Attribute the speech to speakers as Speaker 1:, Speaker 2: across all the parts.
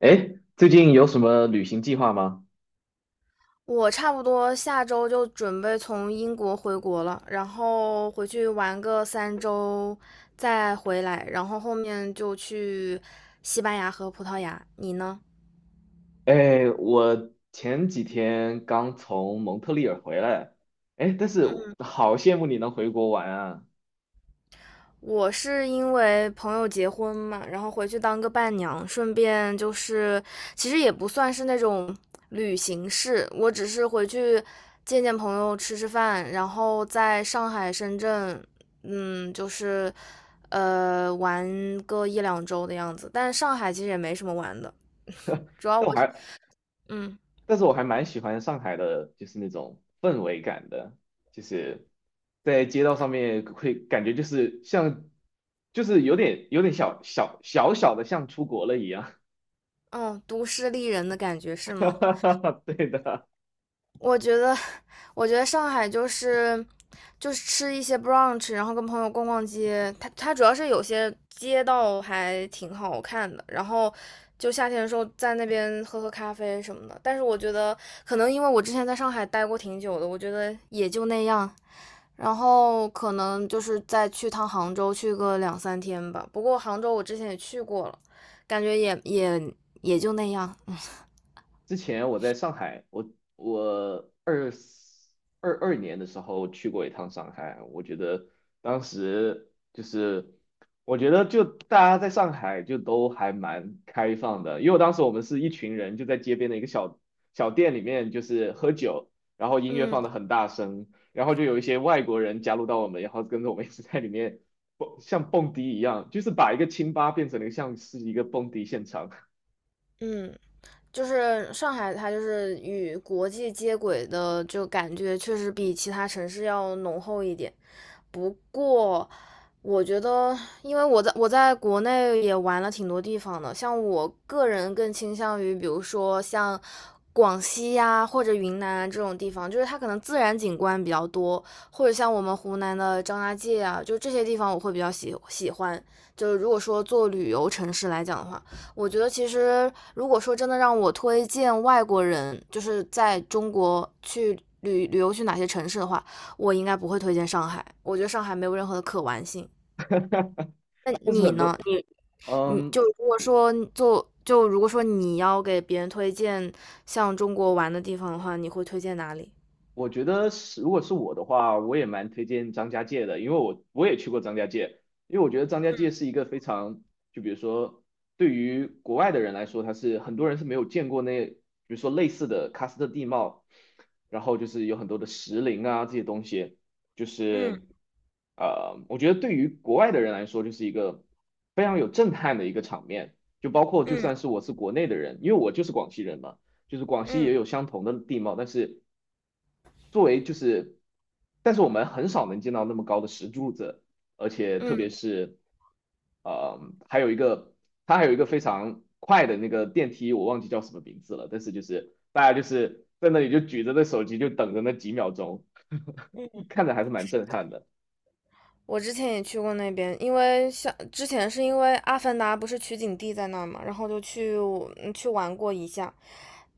Speaker 1: 哎，最近有什么旅行计划吗？
Speaker 2: 我差不多下周就准备从英国回国了，然后回去玩个3周，再回来，然后后面就去西班牙和葡萄牙。你呢？
Speaker 1: 哎，我前几天刚从蒙特利尔回来，哎，但是
Speaker 2: 嗯。
Speaker 1: 我好羡慕你能回国玩啊！
Speaker 2: 我是因为朋友结婚嘛，然后回去当个伴娘，顺便就是，其实也不算是那种旅行式，我只是回去见见朋友，吃吃饭，然后在上海、深圳，就是，玩个一两周的样子。但是上海其实也没什么玩的，主要我，
Speaker 1: 但我还，
Speaker 2: 嗯。
Speaker 1: 但是我还蛮喜欢上海的，就是那种氛围感的，就是在街道上面会感觉就是像，就是有点小小的像出国了一样。
Speaker 2: 哦，都市丽人的感觉是吗？
Speaker 1: 对的。
Speaker 2: 我觉得，我觉得，上海就是吃一些 brunch，然后跟朋友逛逛街。它主要是有些街道还挺好看的，然后就夏天的时候在那边喝喝咖啡什么的。但是我觉得，可能因为我之前在上海待过挺久的，我觉得也就那样。然后可能就是再去趟杭州，去个两三天吧。不过杭州我之前也去过了，感觉也就那样。
Speaker 1: 之前我在上海，我2022年的时候去过一趟上海。我觉得当时就是，我觉得就大家在上海就都还蛮开放的，因为当时我们是一群人就在街边的一个小店里面就是喝酒，然后音乐放
Speaker 2: 嗯
Speaker 1: 的很大声，然后就有一些外国人加入到我们，然后跟着我们一起在里面蹦，像蹦迪一样，就是把一个清吧变成了像是一个蹦迪现场。
Speaker 2: 嗯。就是上海，它就是与国际接轨的，就感觉确实比其他城市要浓厚一点。不过，我觉得，因为我在国内也玩了挺多地方的，像我个人更倾向于，比如说像广西呀、或者云南啊这种地方，就是它可能自然景观比较多，或者像我们湖南的张家界啊，就这些地方我会比较喜欢。就是如果说做旅游城市来讲的话，我觉得其实如果说真的让我推荐外国人，就是在中国去旅游去哪些城市的话，我应该不会推荐上海。我觉得上海没有任何的可玩性。那
Speaker 1: 但是
Speaker 2: 你
Speaker 1: 很
Speaker 2: 呢？
Speaker 1: 多。
Speaker 2: 你
Speaker 1: 嗯，
Speaker 2: 就如果说你要给别人推荐像中国玩的地方的话，你会推荐哪里？
Speaker 1: 我觉得是，如果是我的话，我也蛮推荐张家界的，因为我也去过张家界。因为我觉得张家界是一个非常，就比如说对于国外的人来说，他是很多人是没有见过那，比如说类似的喀斯特地貌，然后就是有很多的石林啊这些东西，就
Speaker 2: 嗯
Speaker 1: 是我觉得对于国外的人来说，就是一个非常有震撼的一个场面，就包括就
Speaker 2: 嗯
Speaker 1: 算是我是国内的人，因为我就是广西人嘛。就是广西也
Speaker 2: 嗯
Speaker 1: 有相同的地貌，但是作为就是，但是我们很少能见到那么高的石柱子，而且特别
Speaker 2: 嗯。
Speaker 1: 是，呃，还有一个它还有一个非常快的那个电梯，我忘记叫什么名字了，但是就是大家就是在那里就举着那手机就等着那几秒钟，
Speaker 2: 嗯。
Speaker 1: 看着还是蛮震撼的。
Speaker 2: 我之前也去过那边，因为像之前是因为《阿凡达》不是取景地在那儿嘛，然后就去玩过一下。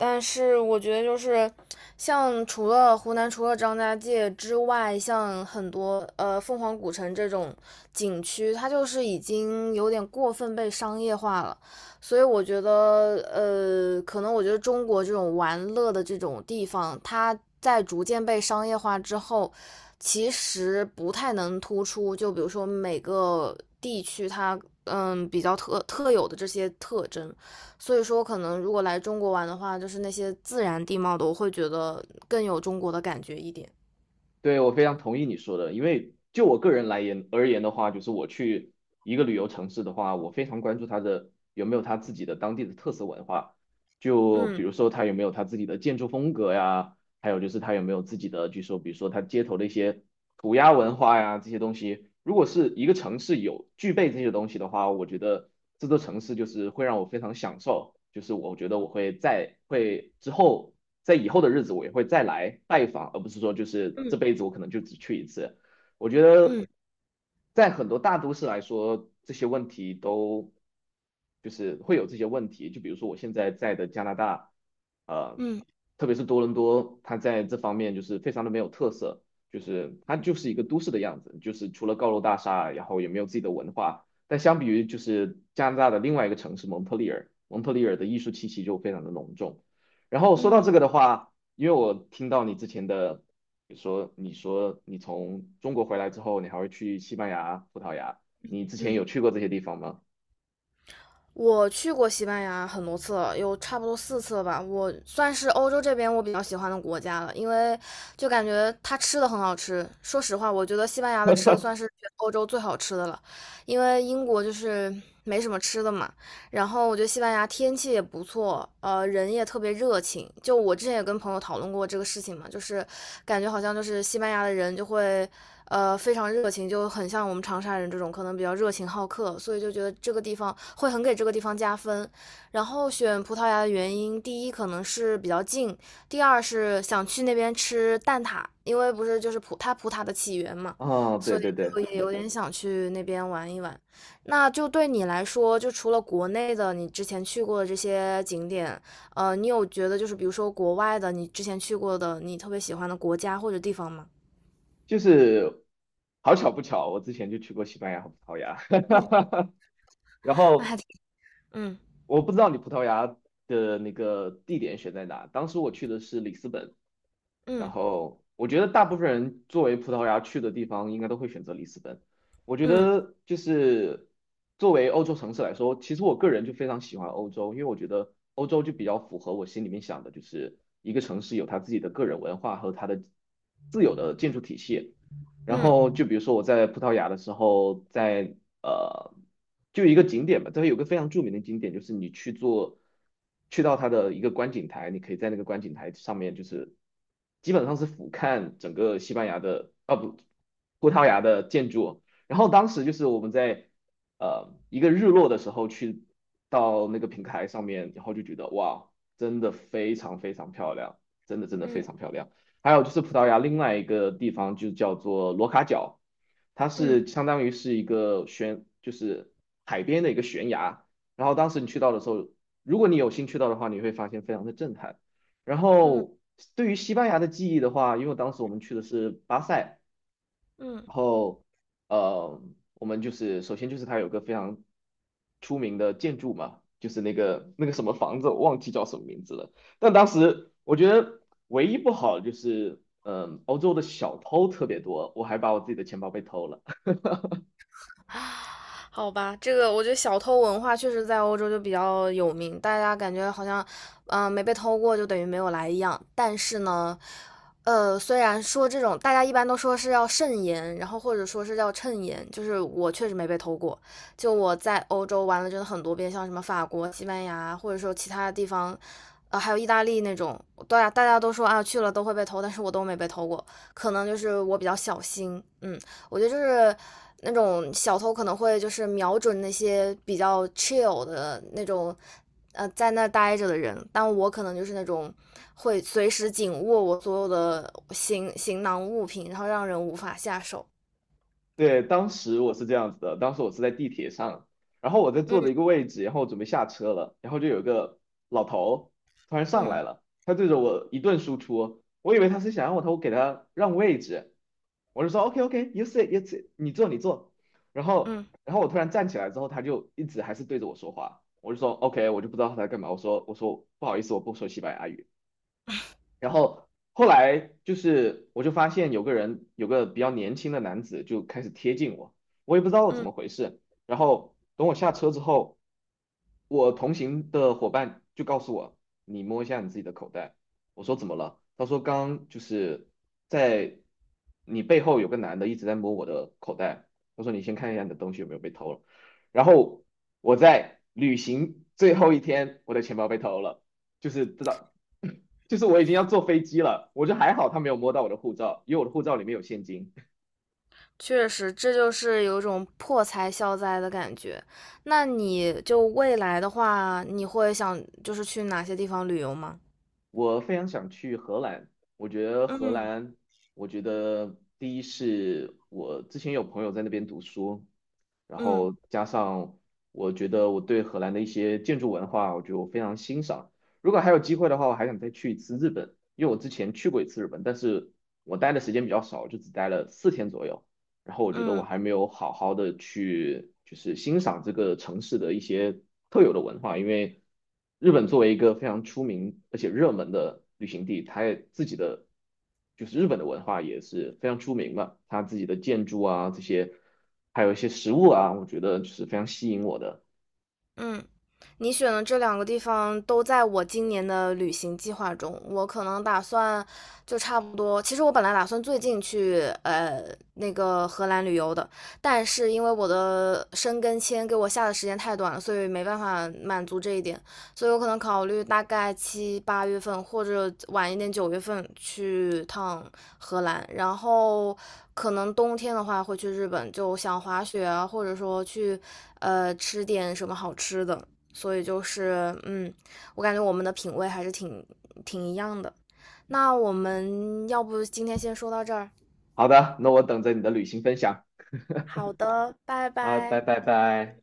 Speaker 2: 但是我觉得就是，像除了湖南除了张家界之外，像很多凤凰古城这种景区，它就是已经有点过分被商业化了。所以我觉得，可能我觉得中国这种玩乐的这种地方，它在逐渐被商业化之后，其实不太能突出。就比如说每个地区它，比较特有的这些特征。所以说，可能如果来中国玩的话，就是那些自然地貌的，我会觉得更有中国的感觉一点。
Speaker 1: 对，我非常同意你说的，因为就我个人而言的话，就是我去一个旅游城市的话，我非常关注它的有没有它自己的当地的特色文化，就比
Speaker 2: 嗯
Speaker 1: 如说它有没有它自己的建筑风格呀，还有就是他有没有自己的，据说比如说他街头的一些涂鸦文化呀这些东西，如果是一个城市有具备这些东西的话，我觉得这座城市就是会让我非常享受，就是我觉得我会之后在以后的日子我也会再来拜访，而不是说就是这辈子我可能就只去一次。我觉得
Speaker 2: 嗯
Speaker 1: 在很多大都市来说，这些问题都就是会有这些问题，就比如说我现在在的加拿大，呃。
Speaker 2: 嗯
Speaker 1: 特别是多伦多，它在这方面就是非常的没有特色，就是它就是一个都市的样子，就是除了高楼大厦，然后也没有自己的文化。但相比于就是加拿大的另外一个城市蒙特利尔，蒙特利尔的艺术气息就非常的浓重。然后说到
Speaker 2: 嗯
Speaker 1: 这个的话，因为我听到你之前的，比如说你说你从中国回来之后，你还会去西班牙、葡萄牙，你之前
Speaker 2: 嗯。
Speaker 1: 有去过这些地方吗？
Speaker 2: 我去过西班牙很多次了，有差不多4次了吧。我算是欧洲这边我比较喜欢的国家了，因为就感觉它吃的很好吃。说实话，我觉得西班牙的吃的算是全欧洲最好吃的了，因为英国就是没什么吃的嘛。然后我觉得西班牙天气也不错，人也特别热情。就我之前也跟朋友讨论过这个事情嘛，就是感觉好像就是西班牙的人就会，非常热情，就很像我们长沙人这种可能比较热情好客，所以就觉得这个地方会很给这个地方加分。然后选葡萄牙的原因，第一可能是比较近，第二是想去那边吃蛋挞，因为不是就是葡挞的起源嘛，
Speaker 1: 啊，对
Speaker 2: 所以
Speaker 1: 对
Speaker 2: 就
Speaker 1: 对。
Speaker 2: 也有点想去那边玩一玩。那就对你来说，就除了国内的你之前去过的这些景点，你有觉得就是比如说国外的你之前去过的你特别喜欢的国家或者地方吗？
Speaker 1: 就是好巧不巧，我之前就去过西班牙和葡萄牙。
Speaker 2: 嗯，
Speaker 1: 然
Speaker 2: 那还
Speaker 1: 后
Speaker 2: 挺，嗯
Speaker 1: 我不知道你葡萄牙的那个地点选在哪，当时我去的是里斯本。然
Speaker 2: 嗯
Speaker 1: 后我觉得大部分人作为葡萄牙去的地方，应该都会选择里斯本。我觉
Speaker 2: 嗯
Speaker 1: 得就是作为欧洲城市来说，其实我个人就非常喜欢欧洲，因为我觉得欧洲就比较符合我心里面想的，就是一个城市有它自己的个人文化和它的自有的建筑体系。然后就
Speaker 2: 嗯
Speaker 1: 比如说我在葡萄牙的时候，在呃，就有一个景点吧，这边有个非常著名的景点，就是你去做，去到它的一个观景台，你可以在那个观景台上面，就是基本上是俯瞰整个西班牙的，啊不，葡萄牙的建筑。然后当时就是我们在一个日落的时候去到那个平台上面，然后就觉得哇，真的非常非常漂亮，真的真的非
Speaker 2: 嗯嗯
Speaker 1: 常漂亮。还有就是葡萄牙另外一个地方就叫做罗卡角，它
Speaker 2: 嗯
Speaker 1: 是相当于是一个悬，就是海边的一个悬崖。然后当时你去到的时候，如果你有幸去到的话，你会发现非常的震撼。然
Speaker 2: 嗯
Speaker 1: 后对于西班牙的记忆的话，因为当时我们去的是巴塞。
Speaker 2: 嗯。嗯嗯。
Speaker 1: 然后，呃，我们就是首先就是它有个非常出名的建筑嘛，就是那个什么房子，我忘记叫什么名字了。但当时我觉得唯一不好的就是，嗯、欧洲的小偷特别多，我还把我自己的钱包被偷了。
Speaker 2: 啊，好吧，这个我觉得小偷文化确实在欧洲就比较有名，大家感觉好像，没被偷过就等于没有来一样。但是呢，虽然说这种大家一般都说是要慎言，然后或者说是要趁言，就是我确实没被偷过。就我在欧洲玩了真的很多遍，像什么法国、西班牙，或者说其他地方，还有意大利那种，大家都说啊去了都会被偷，但是我都没被偷过，可能就是我比较小心，嗯。我觉得就是那种小偷可能会就是瞄准那些比较 chill 的那种，在那待着的人，但我可能就是那种会随时紧握我所有的行囊物品，然后让人无法下手。
Speaker 1: 对，当时我是这样子的，当时我是在地铁上，然后我在坐的一
Speaker 2: 嗯
Speaker 1: 个位置，然后我准备下车了，然后就有一个老头突然上
Speaker 2: 嗯
Speaker 1: 来了，他对着我一顿输出，我以为他是想让我头给他让位置，我就说 OK OK，you sit，you sit，你坐你坐。然后
Speaker 2: 嗯
Speaker 1: 然后我突然站起来之后，他就一直还是对着我说话，我就说 OK，我就不知道他在干嘛，我说不好意思，我不说西班牙语。然后后来就是我就发现有个人，有个比较年轻的男子就开始贴近我，我也不知道怎
Speaker 2: 嗯
Speaker 1: 么回事。然后等我下车之后，我同行的伙伴就告诉我，你摸一下你自己的口袋。我说怎么了？他说刚就是在你背后有个男的一直在摸我的口袋。他说你先看一下你的东西有没有被偷了。然后我在旅行最后一天，我的钱包被偷了。就是知道 就
Speaker 2: 嗯
Speaker 1: 是
Speaker 2: 嗯。
Speaker 1: 我已经要坐飞机了，我就还好他没有摸到我的护照，因为我的护照里面有现金。
Speaker 2: 确实，这就是有一种破财消灾的感觉。那你就未来的话，你会想就是去哪些地方旅游吗？
Speaker 1: 我非常想去荷兰，我觉得荷
Speaker 2: 嗯
Speaker 1: 兰，我觉得第一是我之前有朋友在那边读书，然
Speaker 2: 嗯
Speaker 1: 后加上我觉得我对荷兰的一些建筑文化，我觉得我非常欣赏。如果还有机会的话，我还想再去一次日本，因为我之前去过一次日本，但是我待的时间比较少，就只待了4天左右。然后我觉得我
Speaker 2: 嗯。
Speaker 1: 还没有好好的去就是欣赏这个城市的一些特有的文化，因为日本作为一个非常出名而且热门的旅行地，它也自己的就是日本的文化也是非常出名嘛，它自己的建筑啊这些，还有一些食物啊，我觉得就是非常吸引我的。
Speaker 2: 嗯，你选的这两个地方都在我今年的旅行计划中。我可能打算就差不多，其实我本来打算最近去那个荷兰旅游的，但是因为我的申根签给我下的时间太短了，所以没办法满足这一点。所以我可能考虑大概七八月份或者晚一点9月份去趟荷兰，然后可能冬天的话会去日本，就想滑雪啊，或者说去吃点什么好吃的。所以就是我感觉我们的品味还是挺一样的。那我们要不今天先说到这儿？
Speaker 1: 好的，那我等着你的旅行分享
Speaker 2: 好的，拜
Speaker 1: 啊，拜
Speaker 2: 拜。
Speaker 1: 拜拜。